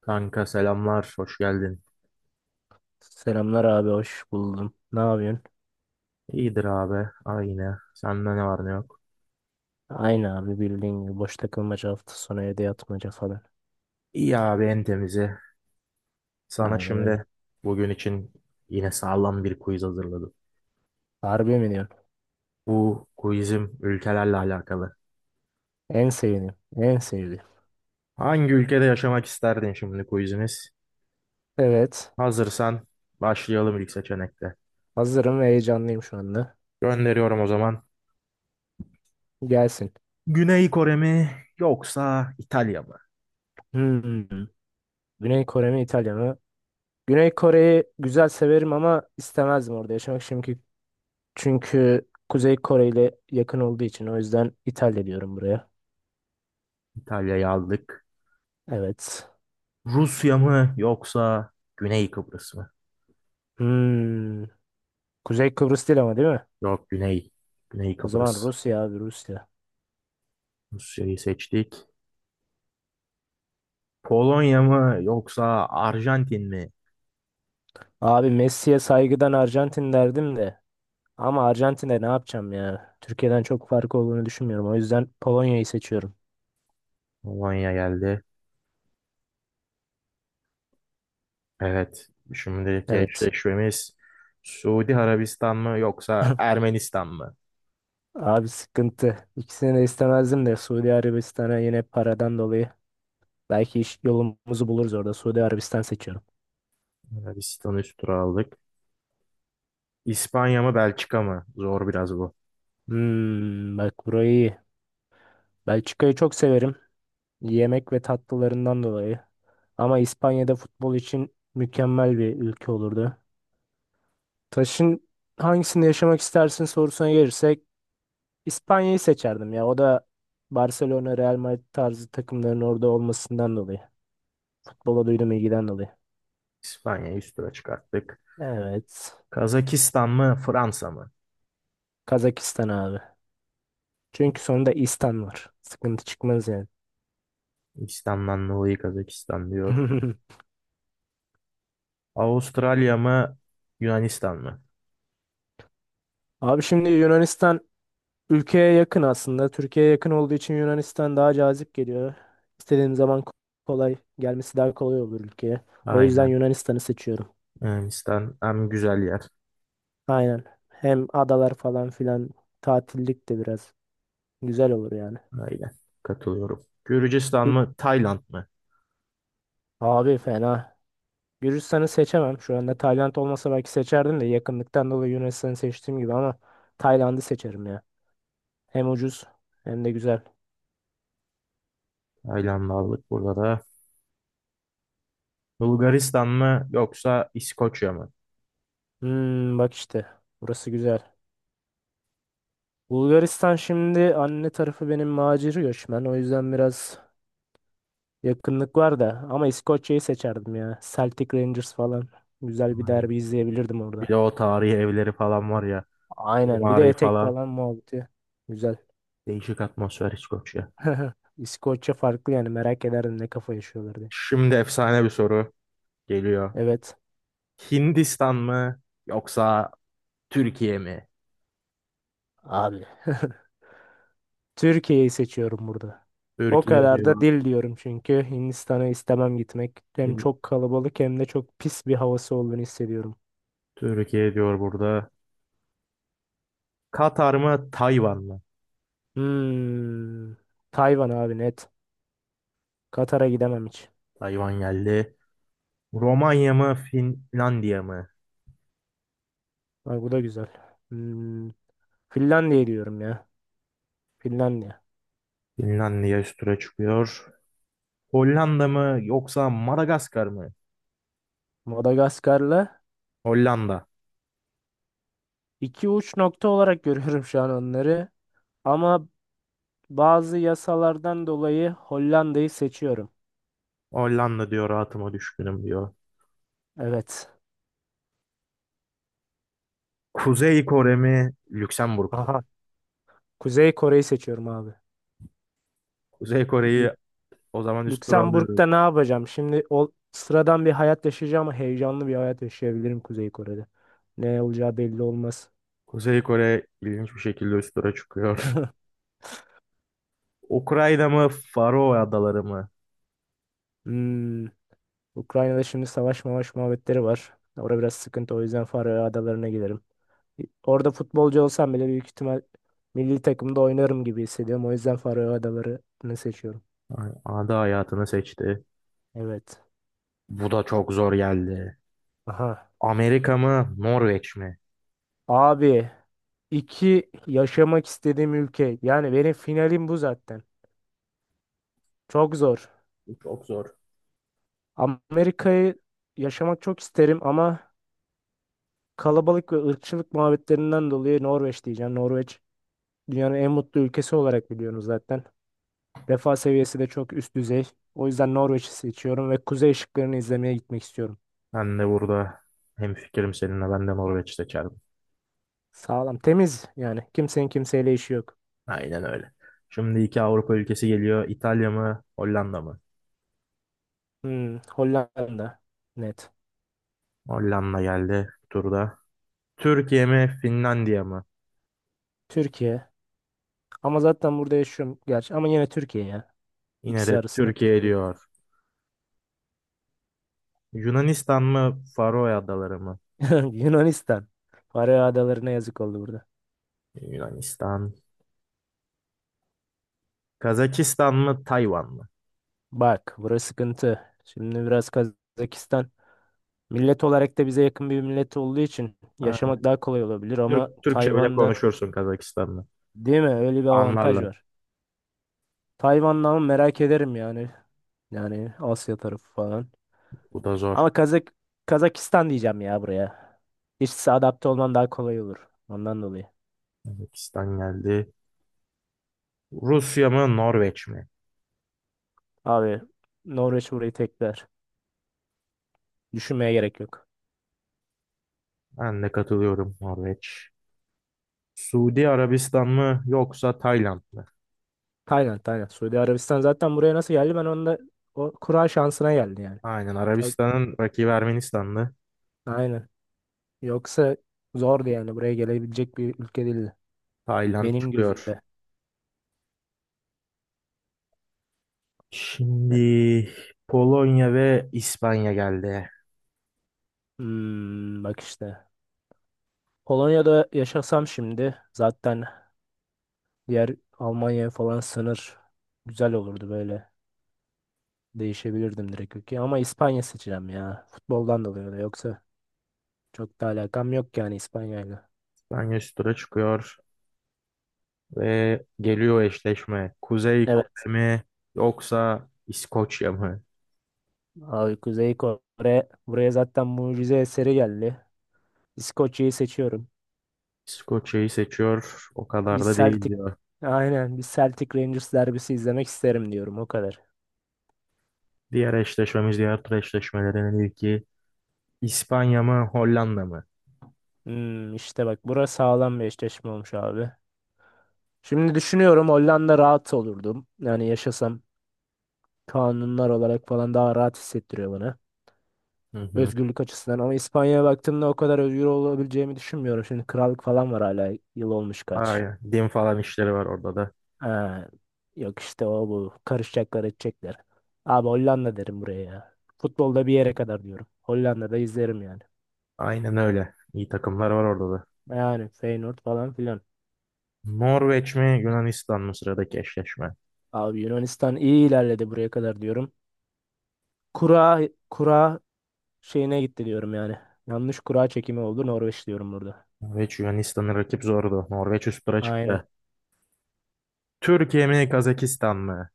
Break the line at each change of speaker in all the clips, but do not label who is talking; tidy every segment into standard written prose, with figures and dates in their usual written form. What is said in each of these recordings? Kanka selamlar, hoş geldin.
Selamlar abi hoş buldum. Ne yapıyorsun?
İyidir abi, aynı. Sende ne var ne yok?
Aynı abi bildiğin gibi boş takılmaca hafta sonu evde yatmaca falan.
İyi abi en temizi. Sana
Aynen öyle.
şimdi bugün için yine sağlam bir quiz hazırladım.
Harbi mi diyorsun?
Bu quizim ülkelerle alakalı.
En sevdiğim. En sevdiğim.
Hangi ülkede yaşamak isterdin şimdi quizimiz?
Evet.
Hazırsan başlayalım ilk seçenekte.
Hazırım ve heyecanlıyım şu anda.
Gönderiyorum o zaman.
Gelsin.
Güney Kore mi yoksa İtalya mı?
Hmm. Güney Kore mi İtalya mı? Güney Kore'yi güzel severim ama istemezdim orada yaşamak çünkü Kuzey Kore ile yakın olduğu için o yüzden İtalya diyorum buraya.
İtalya'yı aldık.
Evet.
Rusya mı yoksa Güney Kıbrıs mı?
Hmm. Kuzey Kıbrıs değil ama değil mi?
Yok Güney. Güney
O zaman
Kıbrıs.
Rusya abi Rusya.
Rusya'yı seçtik. Polonya mı yoksa Arjantin mi?
Abi Messi'ye saygıdan Arjantin derdim de. Ama Arjantin'e ne yapacağım ya? Türkiye'den çok farkı olduğunu düşünmüyorum. O yüzden Polonya'yı seçiyorum.
Polonya geldi. Evet. Şimdiki
Evet.
eşleşmemiz Suudi Arabistan mı yoksa Ermenistan mı?
Abi sıkıntı. İkisini de istemezdim de Suudi Arabistan'a yine paradan dolayı. Belki iş yolumuzu buluruz orada. Suudi Arabistan seçiyorum.
Arabistan'ı üst tura aldık. İspanya mı Belçika mı? Zor biraz bu.
Bak burayı iyi. Belçika'yı çok severim. Yemek ve tatlılarından dolayı. Ama İspanya'da futbol için mükemmel bir ülke olurdu. Taş'ın hangisinde yaşamak istersin sorusuna gelirsek İspanya'yı seçerdim ya. O da Barcelona, Real Madrid tarzı takımların orada olmasından dolayı. Futbola duyduğum ilgiden dolayı.
İspanya'yı üst tura çıkarttık.
Evet.
Kazakistan mı Fransa mı?
Kazakistan abi. Çünkü sonunda İstan var. Sıkıntı çıkmaz yani.
İslam'dan dolayı Kazakistan diyor. Avustralya mı Yunanistan mı?
Abi şimdi Yunanistan ülkeye yakın aslında. Türkiye'ye yakın olduğu için Yunanistan daha cazip geliyor. İstediğim zaman kolay gelmesi daha kolay olur ülkeye. O yüzden
Aynen.
Yunanistan'ı seçiyorum.
Yunanistan en güzel yer.
Aynen. Hem adalar falan filan tatillik de biraz güzel olur yani.
Aynen. Katılıyorum. Gürcistan
Hı.
mı? Tayland mı?
Abi fena. Gürcistan'ı seçemem. Şu anda Tayland olmasa belki seçerdim de yakınlıktan dolayı Yunanistan'ı seçtiğim gibi ama Tayland'ı seçerim ya. Hem ucuz hem de güzel.
Tayland'ı aldık burada da. Bulgaristan mı? Yoksa İskoçya mı?
Bak işte burası güzel. Bulgaristan şimdi anne tarafı benim macir göçmen. O yüzden biraz yakınlık var da ama İskoçya'yı seçerdim ya. Celtic Rangers falan. Güzel bir
Aynen.
derbi izleyebilirdim
Bir de
orada.
o tarihi evleri falan var ya.
Aynen bir de
Mimari
etek
falan.
falan muhabbeti. Güzel.
Değişik atmosfer İskoçya.
İskoçya farklı yani merak ederdim ne kafa yaşıyorlar diye.
Şimdi efsane bir soru geliyor.
Evet
Hindistan mı? Yoksa Türkiye mi?
abi. Türkiye'yi seçiyorum burada. O
Türkiye
kadar da
diyor.
dil diyorum çünkü Hindistan'a istemem gitmek. Hem çok kalabalık hem de çok pis bir havası olduğunu hissediyorum.
Türkiye diyor burada. Katar mı? Tayvan mı?
Hmm. Tayvan abi net. Katar'a gidemem hiç.
Tayvan geldi. Romanya mı? Finlandiya mı?
Bak bu da güzel. Hmm. Finlandiya diyorum ya. Finlandiya.
Finlandiya üst tura çıkıyor. Hollanda mı yoksa Madagaskar mı?
Madagaskar'la
Hollanda.
iki uç nokta olarak görüyorum şu an onları. Ama bazı yasalardan dolayı Hollanda'yı seçiyorum.
Hollanda diyor rahatıma düşkünüm diyor.
Evet.
Kuzey Kore mi Lüksemburg mu?
Aha. Kuzey Kore'yi seçiyorum abi.
Kuzey Kore'yi o zaman üst tura alıyoruz.
Lüksemburg'da ne yapacağım? Şimdi o sıradan bir hayat yaşayacağım ama heyecanlı bir hayat yaşayabilirim Kuzey Kore'de. Ne olacağı belli olmaz.
Kuzey Kore ilginç bir şekilde üst tura çıkıyor. Ukrayna mı Faroe Adaları mı?
Hmm, Ukrayna'da şimdi savaş mavaş muhabbetleri var. Orada biraz sıkıntı o yüzden Faroe Adaları'na giderim. E, orada futbolcu olsam bile büyük ihtimal milli takımda oynarım gibi hissediyorum. O yüzden Faroe Adaları'nı seçiyorum.
Ay, Ada hayatını seçti.
Evet.
Bu da çok zor geldi.
Aha.
Amerika mı Norveç mi?
Abi iki yaşamak istediğim ülke. Yani benim finalim bu zaten. Çok zor.
Bu çok zor.
Amerika'yı yaşamak çok isterim ama kalabalık ve ırkçılık muhabbetlerinden dolayı Norveç diyeceğim. Norveç dünyanın en mutlu ülkesi olarak biliyorsunuz zaten. Refah seviyesi de çok üst düzey. O yüzden Norveç'i seçiyorum ve kuzey ışıklarını izlemeye gitmek istiyorum.
Ben de burada hemfikirim seninle ben de Norveç seçerim.
Sağlam, temiz yani. Kimsenin kimseyle işi yok.
Aynen öyle. Şimdi iki Avrupa ülkesi geliyor. İtalya mı, Hollanda mı?
Hollanda net.
Hollanda geldi bu turda. Türkiye mi, Finlandiya mı?
Türkiye. Ama zaten burada yaşıyorum gerçi. Ama yine Türkiye ya.
Yine
İkisi
de
arasında
Türkiye
Türkiye.
diyor. Yunanistan mı, Faroe Adaları mı?
Yunanistan. Faroe Adaları'na yazık oldu burada.
Yunanistan. Kazakistan mı, Tayvan mı?
Bak burası sıkıntı. Şimdi biraz Kazakistan millet olarak da bize yakın bir millet olduğu için
Ha,
yaşamak daha kolay olabilir ama
Türkçe bile
Tayvan'da
konuşursun Kazakistan'la.
değil mi? Öyle bir avantaj
Anlarlar.
var. Tayvan'da ama merak ederim yani. Yani Asya tarafı falan.
Bu da zor.
Ama Kazakistan diyeceğim ya buraya. İşte adapte olman daha kolay olur. Ondan dolayı.
Kazakistan geldi. Rusya mı, Norveç mi?
Abi Norveç burayı tekrar. Düşünmeye gerek yok.
Ben de katılıyorum Norveç. Suudi Arabistan mı yoksa Tayland mı?
Tayland, Tayland. Suudi Arabistan zaten buraya nasıl geldi? Ben onda o kura şansına geldi yani.
Aynen
Çok,
Arabistan'ın rakibi Ermenistan'dı.
aynen. Yoksa zordu yani buraya gelebilecek bir ülke değildi.
Tayland
Benim
çıkıyor.
gözümde.
Şimdi Polonya ve İspanya geldi.
Hmm, bak işte. Polonya'da yaşasam şimdi zaten diğer Almanya'ya falan sınır güzel olurdu böyle. Değişebilirdim direkt ülke ama İspanya seçeceğim ya. Futboldan dolayı da yoksa çok da alakam yok yani İspanya'yla.
İspanya üst tura çıkıyor ve geliyor eşleşme. Kuzey Kore
Evet.
mi yoksa İskoçya mı?
Abi Kuzey Kore buraya zaten mucize eseri geldi. İskoçya'yı seçiyorum.
İskoçya'yı seçiyor. O
Bir
kadar da değil
Celtic
diyor.
aynen bir Celtic Rangers derbisi izlemek isterim diyorum o kadar.
Diğer eşleşmemiz, diğer tur eşleşmelerinin ilki İspanya mı Hollanda mı?
İşte bak burası sağlam bir eşleşme olmuş abi. Şimdi düşünüyorum Hollanda rahat olurdum. Yani yaşasam kanunlar olarak falan daha rahat hissettiriyor bana.
Hı hı.
Özgürlük açısından ama İspanya'ya baktığımda o kadar özgür olabileceğimi düşünmüyorum. Şimdi krallık falan var hala yıl olmuş kaç.
Aynen. Din falan işleri var orada da.
Ha, yok işte o bu karışacaklar edecekler. Abi Hollanda derim buraya ya. Futbolda bir yere kadar diyorum. Hollanda'da izlerim yani.
Aynen öyle. İyi takımlar var orada da.
Yani Feyenoord falan filan.
Norveç mi Yunanistan mı sıradaki eşleşme?
Abi Yunanistan iyi ilerledi buraya kadar diyorum. Kura kura şeyine gitti diyorum yani. Yanlış kura çekimi oldu Norveç diyorum burada.
Norveç Yunanistan'ı rakip zordu. Norveç üst tura
Aynen.
çıktı. Türkiye mi Kazakistan mı?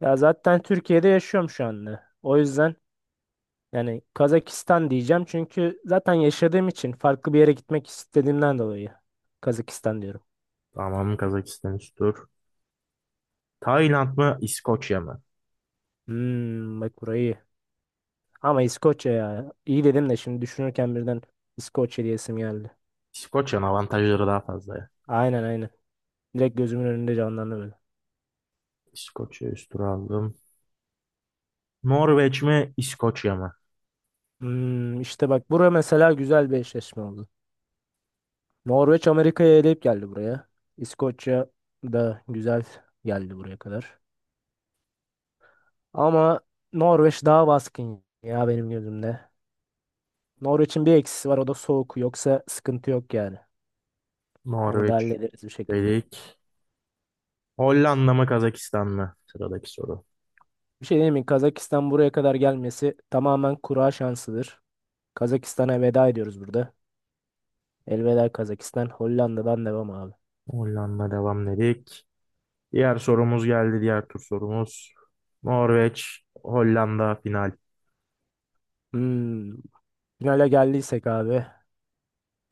Ya zaten Türkiye'de yaşıyorum şu anda. O yüzden yani Kazakistan diyeceğim çünkü zaten yaşadığım için farklı bir yere gitmek istediğimden dolayı Kazakistan diyorum.
Tamam Kazakistan üst tur. Tayland mı İskoçya mı?
Hmm, bak burayı iyi. Ama İskoçya ya. İyi dedim de şimdi düşünürken birden İskoçya diyesim geldi.
İskoçya'nın avantajları daha fazla ya.
Aynen aynen. Direkt gözümün önünde canlandı böyle.
İskoçya üst tura aldım. Norveç mi İskoçya mı?
İşte bak bura mesela güzel bir eşleşme oldu. Norveç Amerika'yı eleyip geldi buraya. İskoçya da güzel geldi buraya kadar. Ama Norveç daha baskın ya benim gözümde. Norveç'in bir eksisi var o da soğuk. Yoksa sıkıntı yok yani. Onu da
Norveç
hallederiz bir şekilde.
dedik. Hollanda mı Kazakistan mı? Sıradaki soru.
Bir şey diyeyim mi? Kazakistan buraya kadar gelmesi tamamen kura şansıdır. Kazakistan'a veda ediyoruz burada. Elveda Kazakistan. Hollanda'dan devam abi.
Hollanda devam dedik. Diğer sorumuz geldi. Diğer tur sorumuz. Norveç, Hollanda final.
Hmm. Finale geldiysek abi.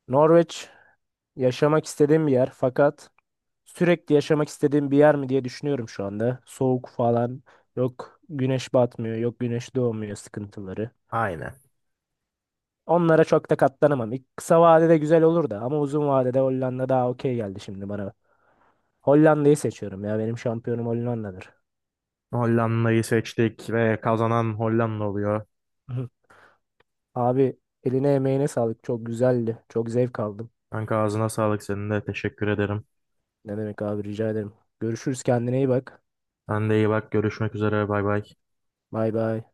Norveç yaşamak istediğim bir yer fakat sürekli yaşamak istediğim bir yer mi diye düşünüyorum şu anda. Soğuk falan yok, güneş batmıyor, yok güneş doğmuyor sıkıntıları.
Aynen.
Onlara çok da katlanamam. İlk kısa vadede güzel olur da ama uzun vadede Hollanda daha okey geldi şimdi bana. Hollanda'yı seçiyorum ya benim şampiyonum Hollanda'dır.
Hollanda'yı seçtik ve kazanan Hollanda oluyor.
Hı. Abi eline emeğine sağlık çok güzeldi. Çok zevk aldım.
Kanka ağzına sağlık senin de teşekkür ederim.
Ne demek abi rica ederim. Görüşürüz kendine iyi bak.
Sen de iyi bak görüşmek üzere bay bay.
Bay bay.